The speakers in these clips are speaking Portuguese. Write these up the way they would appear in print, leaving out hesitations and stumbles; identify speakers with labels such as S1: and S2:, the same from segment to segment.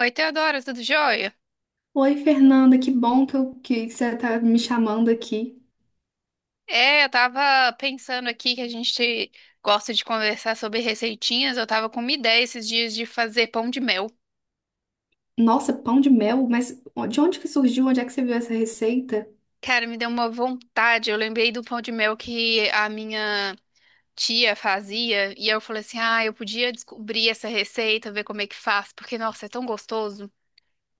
S1: Oi, Teodora, tudo jóia?
S2: Oi, Fernanda, que bom que, que você tá me chamando aqui.
S1: É, eu tava pensando aqui que a gente gosta de conversar sobre receitinhas. Eu tava com uma ideia esses dias de fazer pão de mel.
S2: Nossa, pão de mel, mas de onde que surgiu? Onde é que você viu essa receita?
S1: Cara, me deu uma vontade. Eu lembrei do pão de mel que a minha tia fazia. E eu falei assim: ah, eu podia descobrir essa receita, ver como é que faz, porque, nossa, é tão gostoso.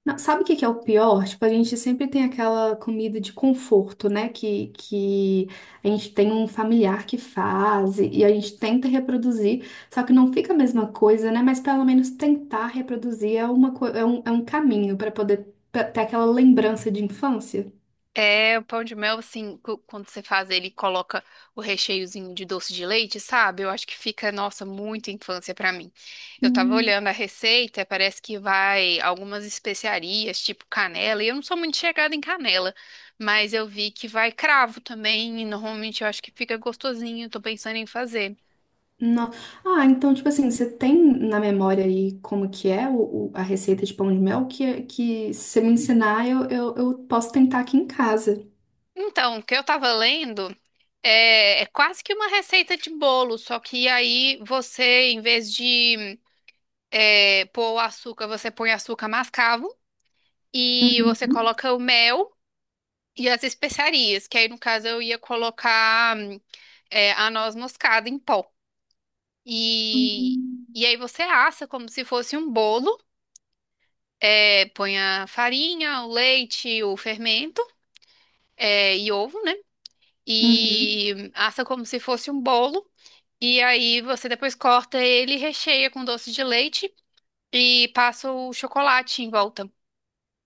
S2: Não, sabe o que que é o pior? Tipo, a gente sempre tem aquela comida de conforto, né? Que a gente tem um familiar que faz e a gente tenta reproduzir, só que não fica a mesma coisa, né? Mas pelo menos tentar reproduzir é uma, co- é um caminho para poder pra ter aquela lembrança de infância.
S1: O pão de mel, assim, quando você faz ele, e coloca o recheiozinho de doce de leite, sabe? Eu acho que fica, nossa, muito infância pra mim. Eu tava olhando a receita, parece que vai algumas especiarias, tipo canela, e eu não sou muito chegada em canela, mas eu vi que vai cravo também, e normalmente eu acho que fica gostosinho, tô pensando em fazer.
S2: Não. Ah, então, tipo assim, você tem na memória aí como que é a receita de pão de mel que se você me ensinar, eu posso tentar aqui em casa.
S1: Então, o que eu tava lendo é quase que uma receita de bolo, só que aí você, em vez de pôr o açúcar, você põe açúcar mascavo e você
S2: Uhum.
S1: coloca o mel e as especiarias, que aí no caso eu ia colocar a noz moscada em pó. E,
S2: Hum.
S1: e aí você assa como se fosse um bolo, põe a farinha, o leite, o fermento, e ovo, né?
S2: Uhum.
S1: E assa como se fosse um bolo. E aí você depois corta ele e recheia com doce de leite e passa o chocolate em volta,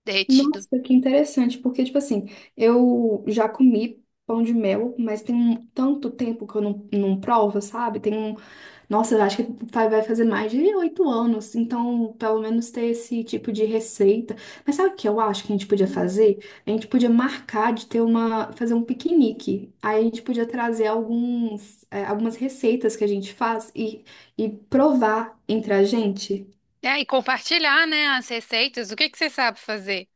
S1: derretido.
S2: Nossa, que interessante, porque, tipo assim, eu já comi pão de mel, mas tem um tanto tempo que eu não provo, sabe? Tem um Nossa, eu acho que vai fazer mais de 8 anos, então pelo menos ter esse tipo de receita. Mas sabe o que eu acho que a gente podia fazer? A gente podia marcar de ter uma, fazer um piquenique. Aí a gente podia trazer alguns, algumas receitas que a gente faz e provar entre a gente.
S1: É, e compartilhar, né, as receitas. O que que você sabe fazer?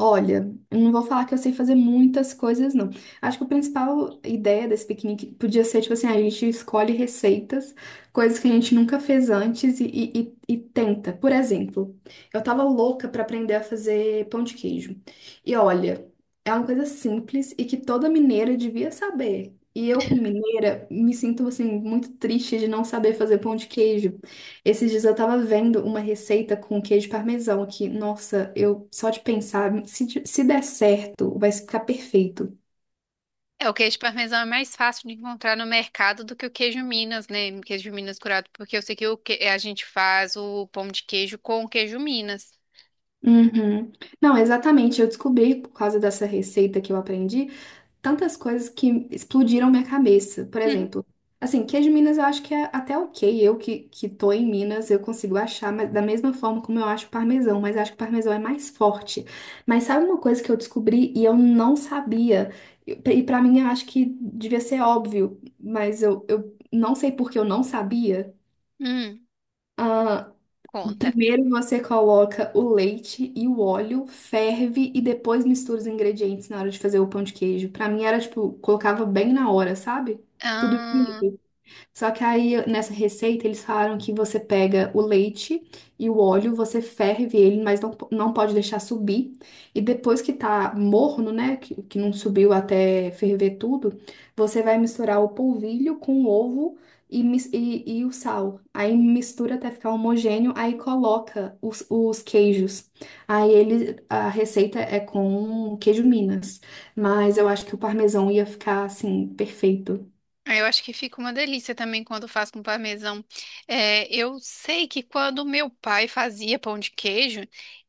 S2: Olha, eu não vou falar que eu sei fazer muitas coisas, não. Acho que a principal ideia desse piquenique podia ser, tipo assim, a gente escolhe receitas, coisas que a gente nunca fez antes e, e tenta. Por exemplo, eu tava louca pra aprender a fazer pão de queijo. E olha, é uma coisa simples e que toda mineira devia saber. E eu, como mineira, me sinto, assim, muito triste de não saber fazer pão de queijo. Esses dias eu tava vendo uma receita com queijo parmesão aqui. Nossa, eu só de pensar, se der certo, vai ficar perfeito.
S1: É, o queijo parmesão é mais fácil de encontrar no mercado do que o queijo Minas, né? O Queijo Minas curado, porque eu sei que, o que a gente faz o pão de queijo com o queijo Minas.
S2: Uhum. Não, exatamente. Eu descobri por causa dessa receita que eu aprendi tantas coisas que explodiram minha cabeça. Por
S1: Uhum.
S2: exemplo, assim, queijo Minas eu acho que é até ok. Eu que tô em Minas, eu consigo achar, mas da mesma forma como eu acho parmesão, mas acho que parmesão é mais forte. Mas sabe uma coisa que eu descobri e eu não sabia? E pra mim eu acho que devia ser óbvio, mas eu não sei porque eu não sabia.
S1: Hum,
S2: Ah,
S1: conta.
S2: primeiro você coloca o leite e o óleo, ferve e depois mistura os ingredientes na hora de fazer o pão de queijo. Pra mim era tipo, colocava bem na hora, sabe? Tudo junto. Só que aí nessa receita eles falaram que você pega o leite e o óleo, você ferve ele, mas não pode deixar subir. E depois que tá morno, né, que não subiu até ferver tudo, você vai misturar o polvilho com o ovo e o sal. Aí mistura até ficar homogêneo, aí coloca os queijos. Aí ele, a receita é com queijo Minas, mas eu acho que o parmesão ia ficar assim, perfeito.
S1: Ah, eu acho que fica uma delícia também quando faz com parmesão. É, eu sei que quando meu pai fazia pão de queijo,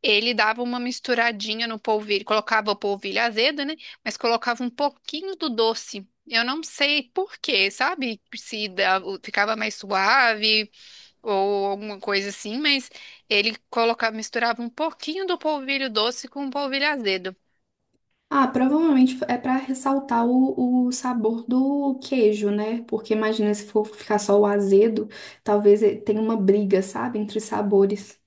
S1: ele dava uma misturadinha no polvilho, colocava o polvilho azedo, né? Mas colocava um pouquinho do doce. Eu não sei por quê, sabe? Se dava- ficava mais suave ou alguma coisa assim, mas ele colocava, misturava um pouquinho do polvilho doce com o polvilho azedo.
S2: Ah, provavelmente é para ressaltar o sabor do queijo, né? Porque imagina se for ficar só o azedo, talvez tenha uma briga, sabe, entre os sabores.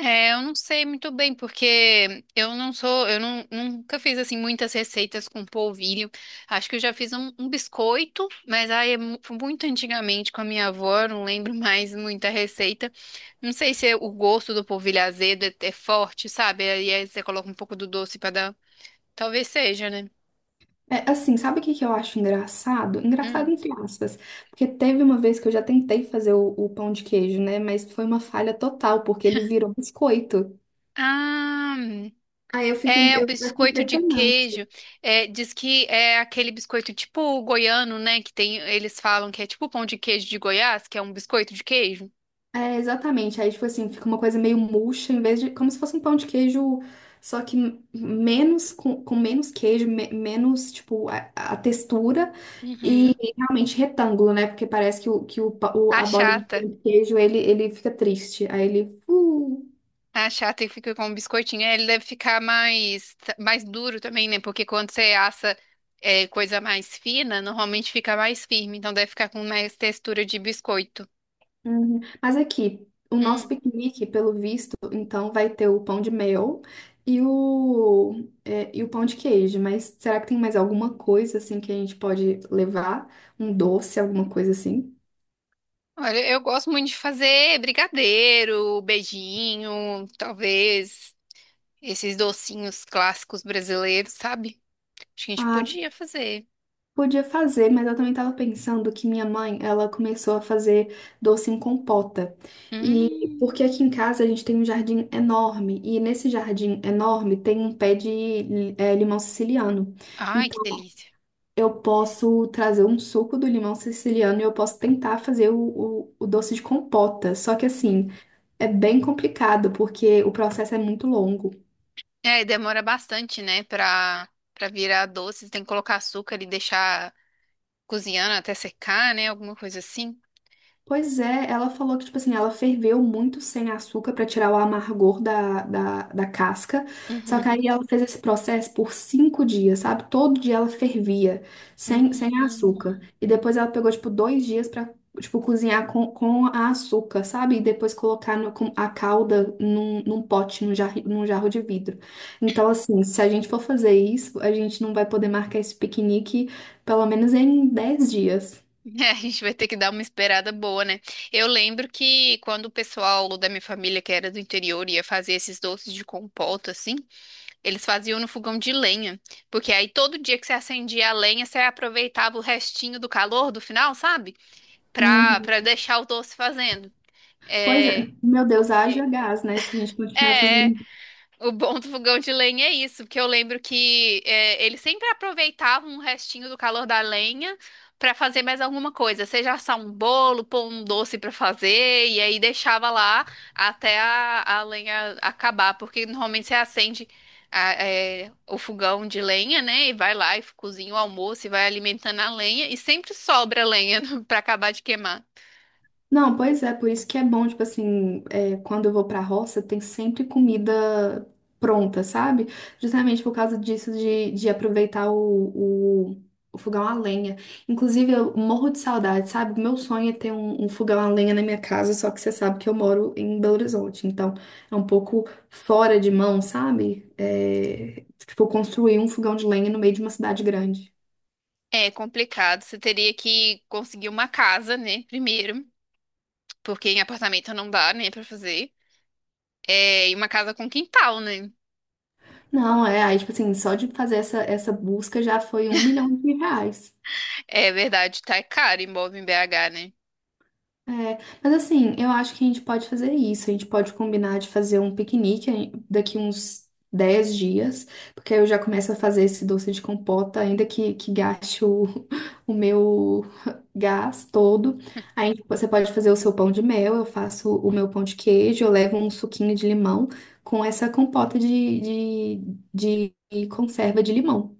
S1: É, eu não sei muito bem, porque eu não- nunca fiz assim muitas receitas com polvilho. Acho que eu já fiz um biscoito, mas aí é muito antigamente com a minha avó, eu não lembro mais muita receita. Não sei se é o gosto do polvilho azedo é forte, sabe? Aí você coloca um pouco do doce pra dar. Talvez seja, né?
S2: É assim, sabe o que que eu acho engraçado? Engraçado
S1: Hum.
S2: entre aspas, porque teve uma vez que eu já tentei fazer o pão de queijo, né? Mas foi uma falha total, porque ele virou biscoito.
S1: Ah.
S2: Aí eu fico,
S1: É, o
S2: eu acho
S1: biscoito de
S2: impressionante.
S1: queijo. É, diz que é aquele biscoito tipo goiano, né? Que tem, eles falam que é tipo pão de queijo de Goiás, que é um biscoito de queijo.
S2: É, exatamente. Aí, tipo assim, fica uma coisa meio murcha, em vez de. Como se fosse um pão de queijo, só que menos, com menos queijo, menos, tipo, a textura e
S1: Uhum.
S2: realmente retângulo, né? Porque parece que a bolinha de
S1: Achata.
S2: pão de queijo, ele fica triste. Aí ele.
S1: Achata e fica com um biscoitinho. É, ele deve ficar mais, mais duro também, né? Porque quando você assa coisa mais fina, normalmente fica mais firme. Então deve ficar com mais textura de biscoito.
S2: Uhum. Mas aqui, o nosso
S1: Hum.
S2: piquenique, pelo visto, então vai ter o pão de mel e e o pão de queijo. Mas será que tem mais alguma coisa assim que a gente pode levar? Um doce, alguma coisa assim?
S1: Olha, eu gosto muito de fazer brigadeiro, beijinho, talvez. Esses docinhos clássicos brasileiros, sabe? Acho que a gente
S2: Ah,
S1: podia fazer.
S2: podia fazer, mas eu também estava pensando que minha mãe, ela começou a fazer doce em compota. E
S1: Hum.
S2: porque aqui em casa a gente tem um jardim enorme, e nesse jardim enorme tem um pé de limão siciliano.
S1: Ai, que delícia.
S2: Eu posso trazer um suco do limão siciliano e eu posso tentar fazer o doce de compota. Só que
S1: Hum.
S2: assim, é bem complicado porque o processo é muito longo.
S1: É, e demora bastante, né, pra virar doce. Tem que colocar açúcar e deixar cozinhando até secar, né? Alguma coisa assim.
S2: Pois é, ela falou que, tipo assim, ela ferveu muito sem açúcar pra tirar o amargor da casca. Só que
S1: Uhum.
S2: aí ela fez esse processo por 5 dias, sabe? Todo dia ela fervia sem
S1: Hum.
S2: açúcar. E depois ela pegou, tipo, 2 dias pra, tipo, cozinhar com a açúcar, sabe? E depois colocar com a calda num pote, num jarro de vidro. Então, assim, se a gente for fazer isso, a gente não vai poder marcar esse piquenique pelo menos em 10 dias.
S1: É, a gente vai ter que dar uma esperada boa, né? Eu lembro que quando o pessoal da minha família, que era do interior, ia fazer esses doces de compota, assim. Eles faziam no fogão de lenha, porque aí todo dia que você acendia a lenha, você aproveitava o restinho do calor do final, sabe? Pra deixar o doce fazendo.
S2: Pois é,
S1: É,
S2: meu Deus, haja
S1: porque
S2: gás, né? Se a gente continuar
S1: é, é,
S2: fazendo.
S1: o bom do fogão de lenha é isso, porque eu lembro que eles sempre aproveitavam um restinho do calor da lenha pra fazer mais alguma coisa, seja assar um bolo, pôr um doce pra fazer, e aí deixava lá até a lenha acabar, porque normalmente você acende o fogão de lenha, né, e vai lá e cozinha o almoço e vai alimentando a lenha, e sempre sobra lenha pra acabar de queimar.
S2: Não, pois é, por isso que é bom, tipo assim, é, quando eu vou pra roça, tem sempre comida pronta, sabe? Justamente por causa disso de aproveitar o fogão a lenha. Inclusive, eu morro de saudade, sabe? Meu sonho é ter um fogão a lenha na minha casa, só que você sabe que eu moro em Belo Horizonte, então é um pouco fora de mão, sabe? É, tipo, construir um fogão de lenha no meio de uma cidade grande.
S1: É complicado, você teria que conseguir uma casa, né, primeiro. Porque em apartamento não dá, nem pra fazer. É, e uma casa com quintal, né?
S2: Não, é, aí, tipo assim, só de fazer essa busca já foi R$ 1.000.000.
S1: É verdade, tá caro imóvel em BH, né?
S2: É, mas assim, eu acho que a gente pode fazer isso. A gente pode combinar de fazer um piquenique aí daqui uns 10 dias, porque aí eu já começo a fazer esse doce de compota, ainda que gaste o, o meu gás todo. Aí tipo, você pode fazer o seu pão de mel, eu faço o meu pão de queijo, eu levo um suquinho de limão com essa compota de, conserva de limão.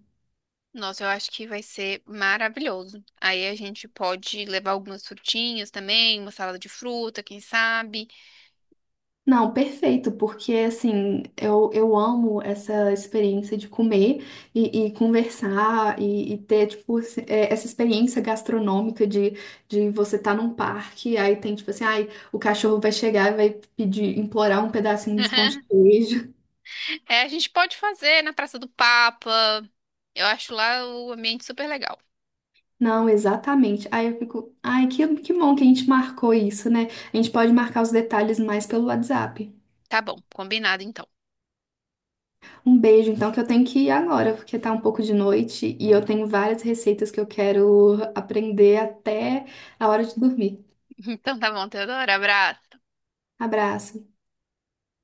S1: Nossa, eu acho que vai ser maravilhoso. Aí a gente pode levar algumas frutinhas também, uma salada de fruta, quem sabe.
S2: Não, perfeito, porque assim, eu amo essa experiência de comer e conversar e ter, tipo, essa experiência gastronômica de você estar num parque, aí tem, tipo assim, ai, o cachorro vai chegar e vai pedir, implorar um pedacinho de pão de queijo.
S1: É, a gente pode fazer na Praça do Papa. Eu acho lá o ambiente super legal.
S2: Não, exatamente. Aí eu fico, ai, que bom que a gente marcou isso, né? A gente pode marcar os detalhes mais pelo WhatsApp.
S1: Tá bom, combinado então.
S2: Um beijo, então, que eu tenho que ir agora, porque tá um pouco de noite e eu tenho várias receitas que eu quero aprender até a hora de dormir.
S1: Então tá bom, Teodora, abraço.
S2: Abraço.